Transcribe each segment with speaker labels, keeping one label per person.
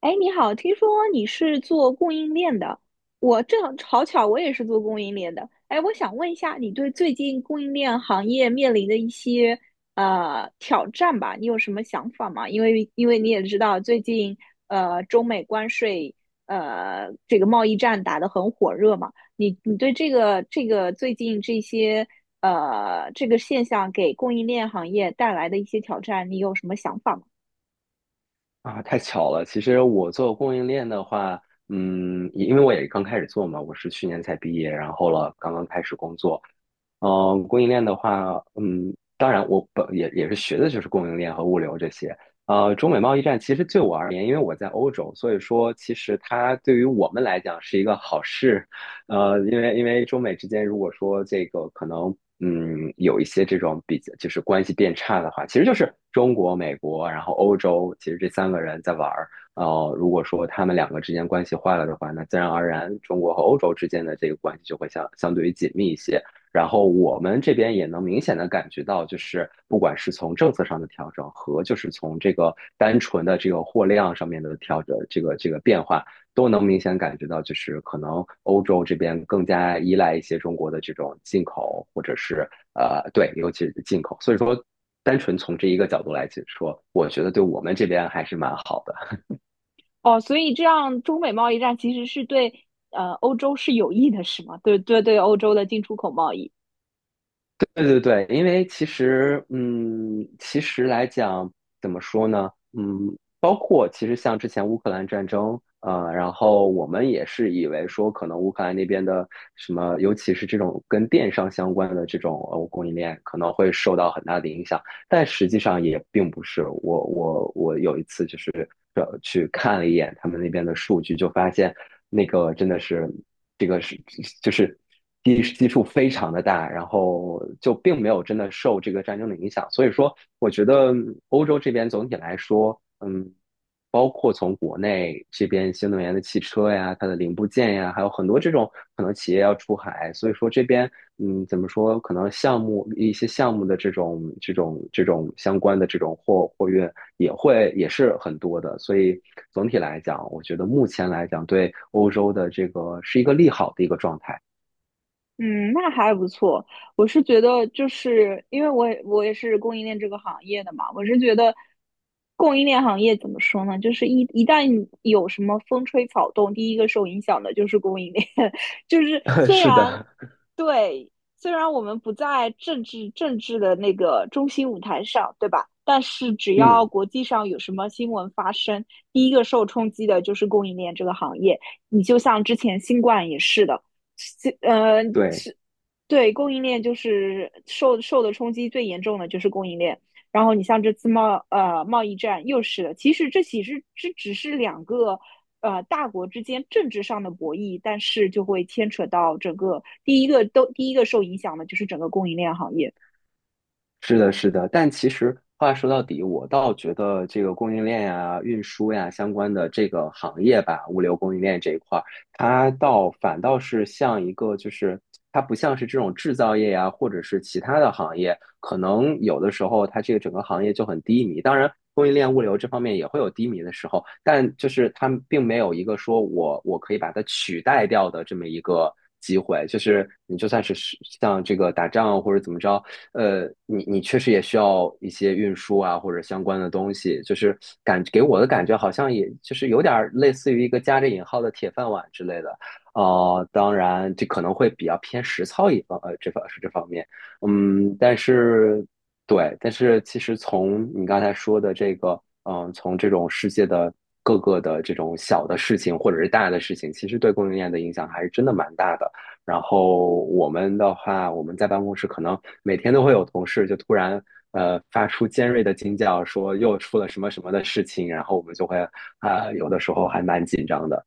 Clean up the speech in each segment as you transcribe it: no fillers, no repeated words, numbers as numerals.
Speaker 1: 哎，你好，听说你是做供应链的，我正好巧，我也是做供应链的。哎，我想问一下，你对最近供应链行业面临的一些挑战吧，你有什么想法吗？因为你也知道，最近中美关税这个贸易战打得很火热嘛，你对这个最近这些这个现象给供应链行业带来的一些挑战，你有什么想法吗？
Speaker 2: 啊，太巧了！其实我做供应链的话，也因为我也刚开始做嘛，我是去年才毕业，然后了刚刚开始工作。供应链的话，当然我本也是学的就是供应链和物流这些。中美贸易战其实对我而言，因为我在欧洲，所以说其实它对于我们来讲是一个好事，因为中美之间，如果说这个可能，有一些这种比较，就是关系变差的话，其实就是中国、美国，然后欧洲，其实这三个人在玩儿。呃，如果说他们两个之间关系坏了的话，那自然而然，中国和欧洲之间的这个关系就会相对于紧密一些。然后我们这边也能明显的感觉到，就是不管是从政策上的调整和就是从这个单纯的这个货量上面的调整，这个变化，都能明显感觉到，就是可能欧洲这边更加依赖一些中国的这种进口，或者是呃，对，尤其是进口。所以说，单纯从这一个角度来解说，我觉得对我们这边还是蛮好的。
Speaker 1: 哦，所以这样中美贸易战其实是对欧洲是有益的，是吗？对对对，欧洲的进出口贸易。
Speaker 2: 对对对，因为其实，嗯，其实来讲，怎么说呢？嗯，包括其实像之前乌克兰战争，然后我们也是以为说，可能乌克兰那边的什么，尤其是这种跟电商相关的这种供应链，可能会受到很大的影响，但实际上也并不是。我有一次就是去看了一眼他们那边的数据，就发现那个真的是。这个是就是基数非常的大，然后就并没有真的受这个战争的影响。所以说，我觉得欧洲这边总体来说，嗯，包括从国内这边新能源的汽车呀、它的零部件呀，还有很多这种可能企业要出海，所以说这边嗯，怎么说，可能项目一些项目的这种相关的这种货运也会也是很多的，所以总体来讲，我觉得目前来讲对欧洲的这个是一个利好的一个状态。
Speaker 1: 嗯，那还不错。我是觉得，就是因为我也是供应链这个行业的嘛，我是觉得供应链行业怎么说呢？就是一旦有什么风吹草动，第一个受影响的就是供应链。就是 虽
Speaker 2: 是
Speaker 1: 然
Speaker 2: 的。
Speaker 1: 对，虽然我们不在政治的那个中心舞台上，对吧？但是只要
Speaker 2: 嗯，
Speaker 1: 国际上有什么新闻发生，第一个受冲击的就是供应链这个行业。你就像之前新冠也是的。呃
Speaker 2: 对。
Speaker 1: 对，供应链就是受的冲击最严重的就是供应链。然后你像这次贸易战又是的，其实这只是两个大国之间政治上的博弈，但是就会牵扯到整个第一个受影响的就是整个供应链行业。
Speaker 2: 是的，是的，但其实话说到底，我倒觉得这个供应链呀、运输呀相关的这个行业吧，物流供应链这一块儿，它倒反倒是像一个，就是它不像是这种制造业呀，或者是其他的行业，可能有的时候它这个整个行业就很低迷。当然，供应链物流这方面也会有低迷的时候，但就是它并没有一个说我可以把它取代掉的这么一个机会。就是你就算是像这个打仗或者怎么着。呃，你你确实也需要一些运输啊，或者相关的东西，就是给我的感觉好像也就是有点儿类似于一个加着引号的铁饭碗之类的，哦、当然这可能会比较偏实操一方，这方面，嗯，但是对，但是其实从你刚才说的这个，嗯，从这种世界的各个的这种小的事情或者是大的事情，其实对供应链的影响还是真的蛮大的。然后我们的话，我们在办公室可能每天都会有同事就突然发出尖锐的惊叫，说又出了什么什么的事情，然后我们就会啊、有的时候还蛮紧张的。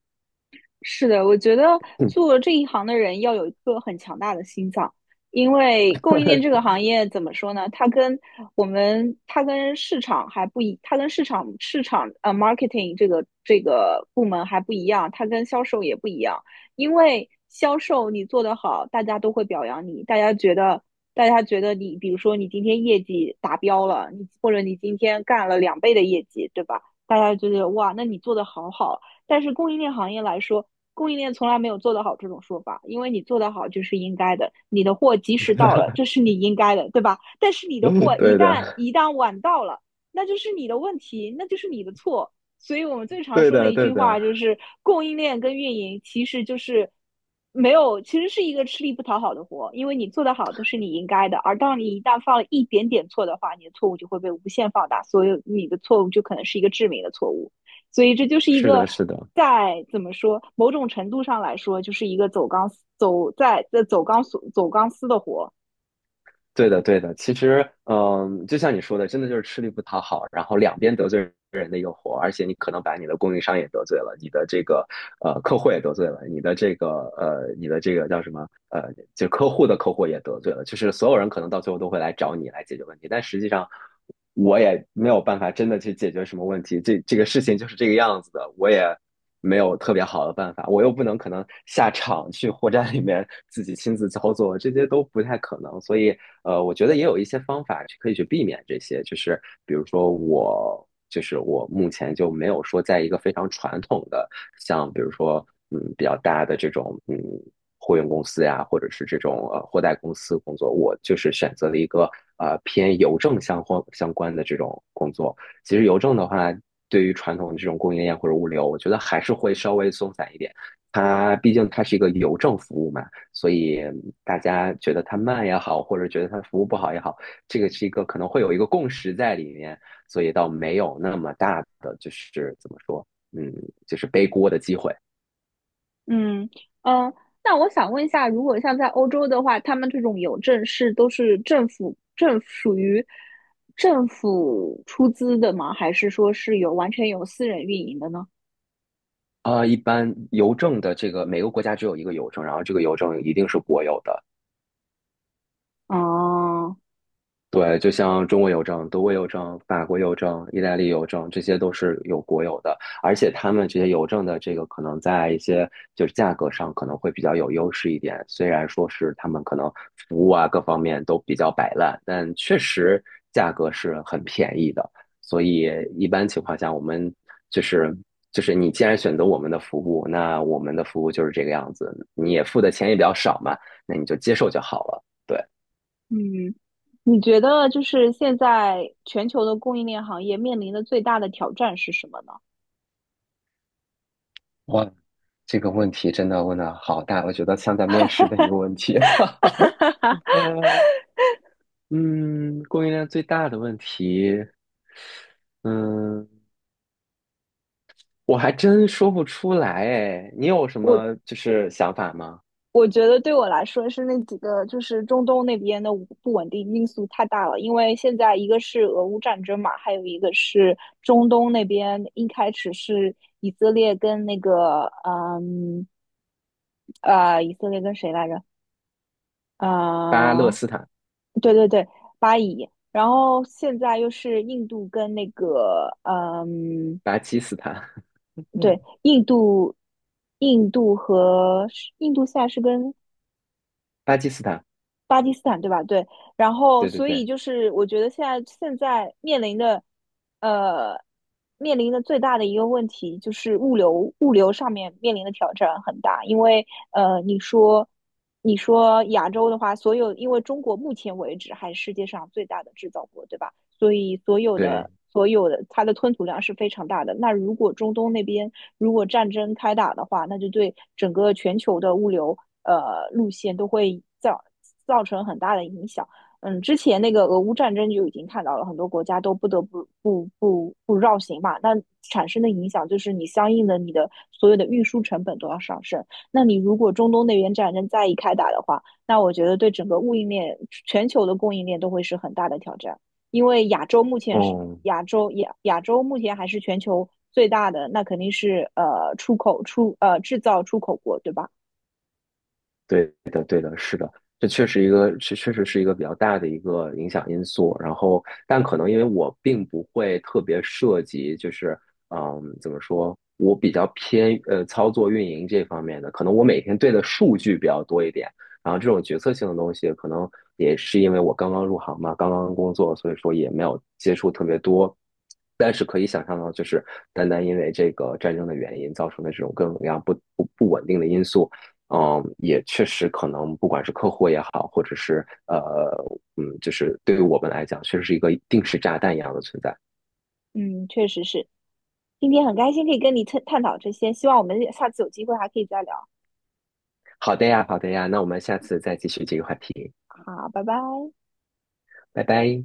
Speaker 1: 是的，我觉得做这一行的人要有一颗很强大的心脏，因为供应链这个 行业怎么说呢？它跟我们，它跟市场还不一，它跟市场marketing 这个这个部门还不一样，它跟销售也不一样。因为销售你做得好，大家都会表扬你，大家觉得你，比如说你今天业绩达标了，你或者你今天干了两倍的业绩，对吧？大家就觉得哇，那你做的好好。但是供应链行业来说，供应链从来没有做得好这种说法，因为你做得好就是应该的，你的货及时到了，这是你应该的，对吧？但是你的
Speaker 2: 嗯，
Speaker 1: 货一
Speaker 2: 对的，
Speaker 1: 旦一旦晚到了，那就是你的问题，那就是你的错。所以我们最常
Speaker 2: 对
Speaker 1: 说的
Speaker 2: 的，
Speaker 1: 一句
Speaker 2: 对
Speaker 1: 话
Speaker 2: 的，
Speaker 1: 就是，供应链跟运营其实就是没有，其实是一个吃力不讨好的活，因为你做得好都是你应该的，而当你一旦犯了一点点错的话，你的错误就会被无限放大，所以你的错误就可能是一个致命的错误。所以这就是一
Speaker 2: 是
Speaker 1: 个
Speaker 2: 的，是的。
Speaker 1: 在怎么说，某种程度上来说，就是一个走钢丝走在在走钢索走钢丝的活。
Speaker 2: 对的，对的。其实，嗯，就像你说的，真的就是吃力不讨好，然后两边得罪人的一个活，而且你可能把你的供应商也得罪了，你的这个客户也得罪了，你的这个叫什么就客户的客户也得罪了，就是所有人可能到最后都会来找你来解决问题，但实际上。我也没有办法真的去解决什么问题，这个事情就是这个样子的，我也没有特别好的办法，我又不能可能下场去货站里面自己亲自操作，这些都不太可能，所以我觉得也有一些方法去可以去避免这些，就是比如说我目前就没有说在一个非常传统的，像比如说嗯比较大的这种嗯货运公司呀，或者是这种货代公司工作，我就是选择了一个偏邮政相关的这种工作。其实邮政的话，对于传统的这种供应链或者物流，我觉得还是会稍微松散一点。它毕竟它是一个邮政服务嘛，所以大家觉得它慢也好，或者觉得它服务不好也好，这个是一个可能会有一个共识在里面，所以倒没有那么大的就是怎么说，嗯，就是背锅的机会。
Speaker 1: 嗯嗯，那我想问一下，如果像在欧洲的话，他们这种邮政是都是政府政属于政府出资的吗？还是说是有完全由私人运营的呢？
Speaker 2: 啊、一般邮政的这个每个国家只有一个邮政，然后这个邮政一定是国有的。
Speaker 1: 哦，
Speaker 2: 对，就像中国邮政、德国邮政、法国邮政、意大利邮政，这些都是有国有的，而且他们这些邮政的这个可能在一些就是价格上可能会比较有优势一点，虽然说是他们可能服务啊各方面都比较摆烂，但确实价格是很便宜的，所以一般情况下我们就是就是你既然选择我们的服务，那我们的服务就是这个样子，你也付的钱也比较少嘛，那你就接受就好了。对。
Speaker 1: 嗯，你觉得就是现在全球的供应链行业面临的最大的挑战是什么呢？
Speaker 2: 哇，这个问题真的问的好大，我觉得像在面试的一个问题。呃，嗯，供应链最大的问题，嗯，我还真说不出来哎。你有什么就是想法吗？
Speaker 1: 我觉得对我来说是那几个，就是中东那边的不稳定因素太大了。因为现在一个是俄乌战争嘛，还有一个是中东那边一开始是以色列跟那个，嗯，以色列跟谁来着？
Speaker 2: 巴勒
Speaker 1: 呃，
Speaker 2: 斯坦、
Speaker 1: 对对对，巴以。然后现在又是印度跟那个，嗯，
Speaker 2: 巴基斯坦、嗯，
Speaker 1: 对，印度，印度和印度现在是跟
Speaker 2: 巴基斯坦，
Speaker 1: 巴基斯坦对吧？对，然后
Speaker 2: 对对
Speaker 1: 所
Speaker 2: 对
Speaker 1: 以就是我觉得现在面临的，呃，面临的最大的一个问题就是物流上面面临的挑战很大，因为，你说你说亚洲的话，所有因为中国目前为止还是世界上最大的制造国，对吧？所以所有的
Speaker 2: 对，
Speaker 1: 所有的它的吞吐量是非常大的。那如果中东那边如果战争开打的话，那就对整个全球的物流路线都会造成很大的影响。嗯，之前那个俄乌战争就已经看到了，很多国家都不得不绕行嘛。那产生的影响就是你相应的你的所有的运输成本都要上升。那你如果中东那边战争再一开打的话，那我觉得对整个供应链、全球的供应链都会是很大的挑战。因为亚洲目前是
Speaker 2: 哦，
Speaker 1: 亚洲目前还是全球最大的，那肯定是出口出呃制造出口国，对吧？
Speaker 2: 对。这确实一个，确确实是一个比较大的一个影响因素。然后，但可能因为我并不会特别涉及，就是嗯，怎么说，我比较偏操作运营这方面的，可能我每天对的数据比较多一点。然后这种决策性的东西，可能也是因为我刚刚入行嘛，刚刚工作，所以说也没有接触特别多。但是可以想象到，就是单单因为这个战争的原因造成的这种各种各样不稳定的因素。嗯，也确实可能，不管是客户也好，或者是嗯，就是对于我们来讲，确实是一个定时炸弹一样的存在。
Speaker 1: 嗯，确实是。今天很开心可以跟你探讨这些，希望我们下次有机会还可以再聊。
Speaker 2: 好的呀，好的呀，那我们下次再继续这个话题，
Speaker 1: 好，拜拜。
Speaker 2: 拜拜。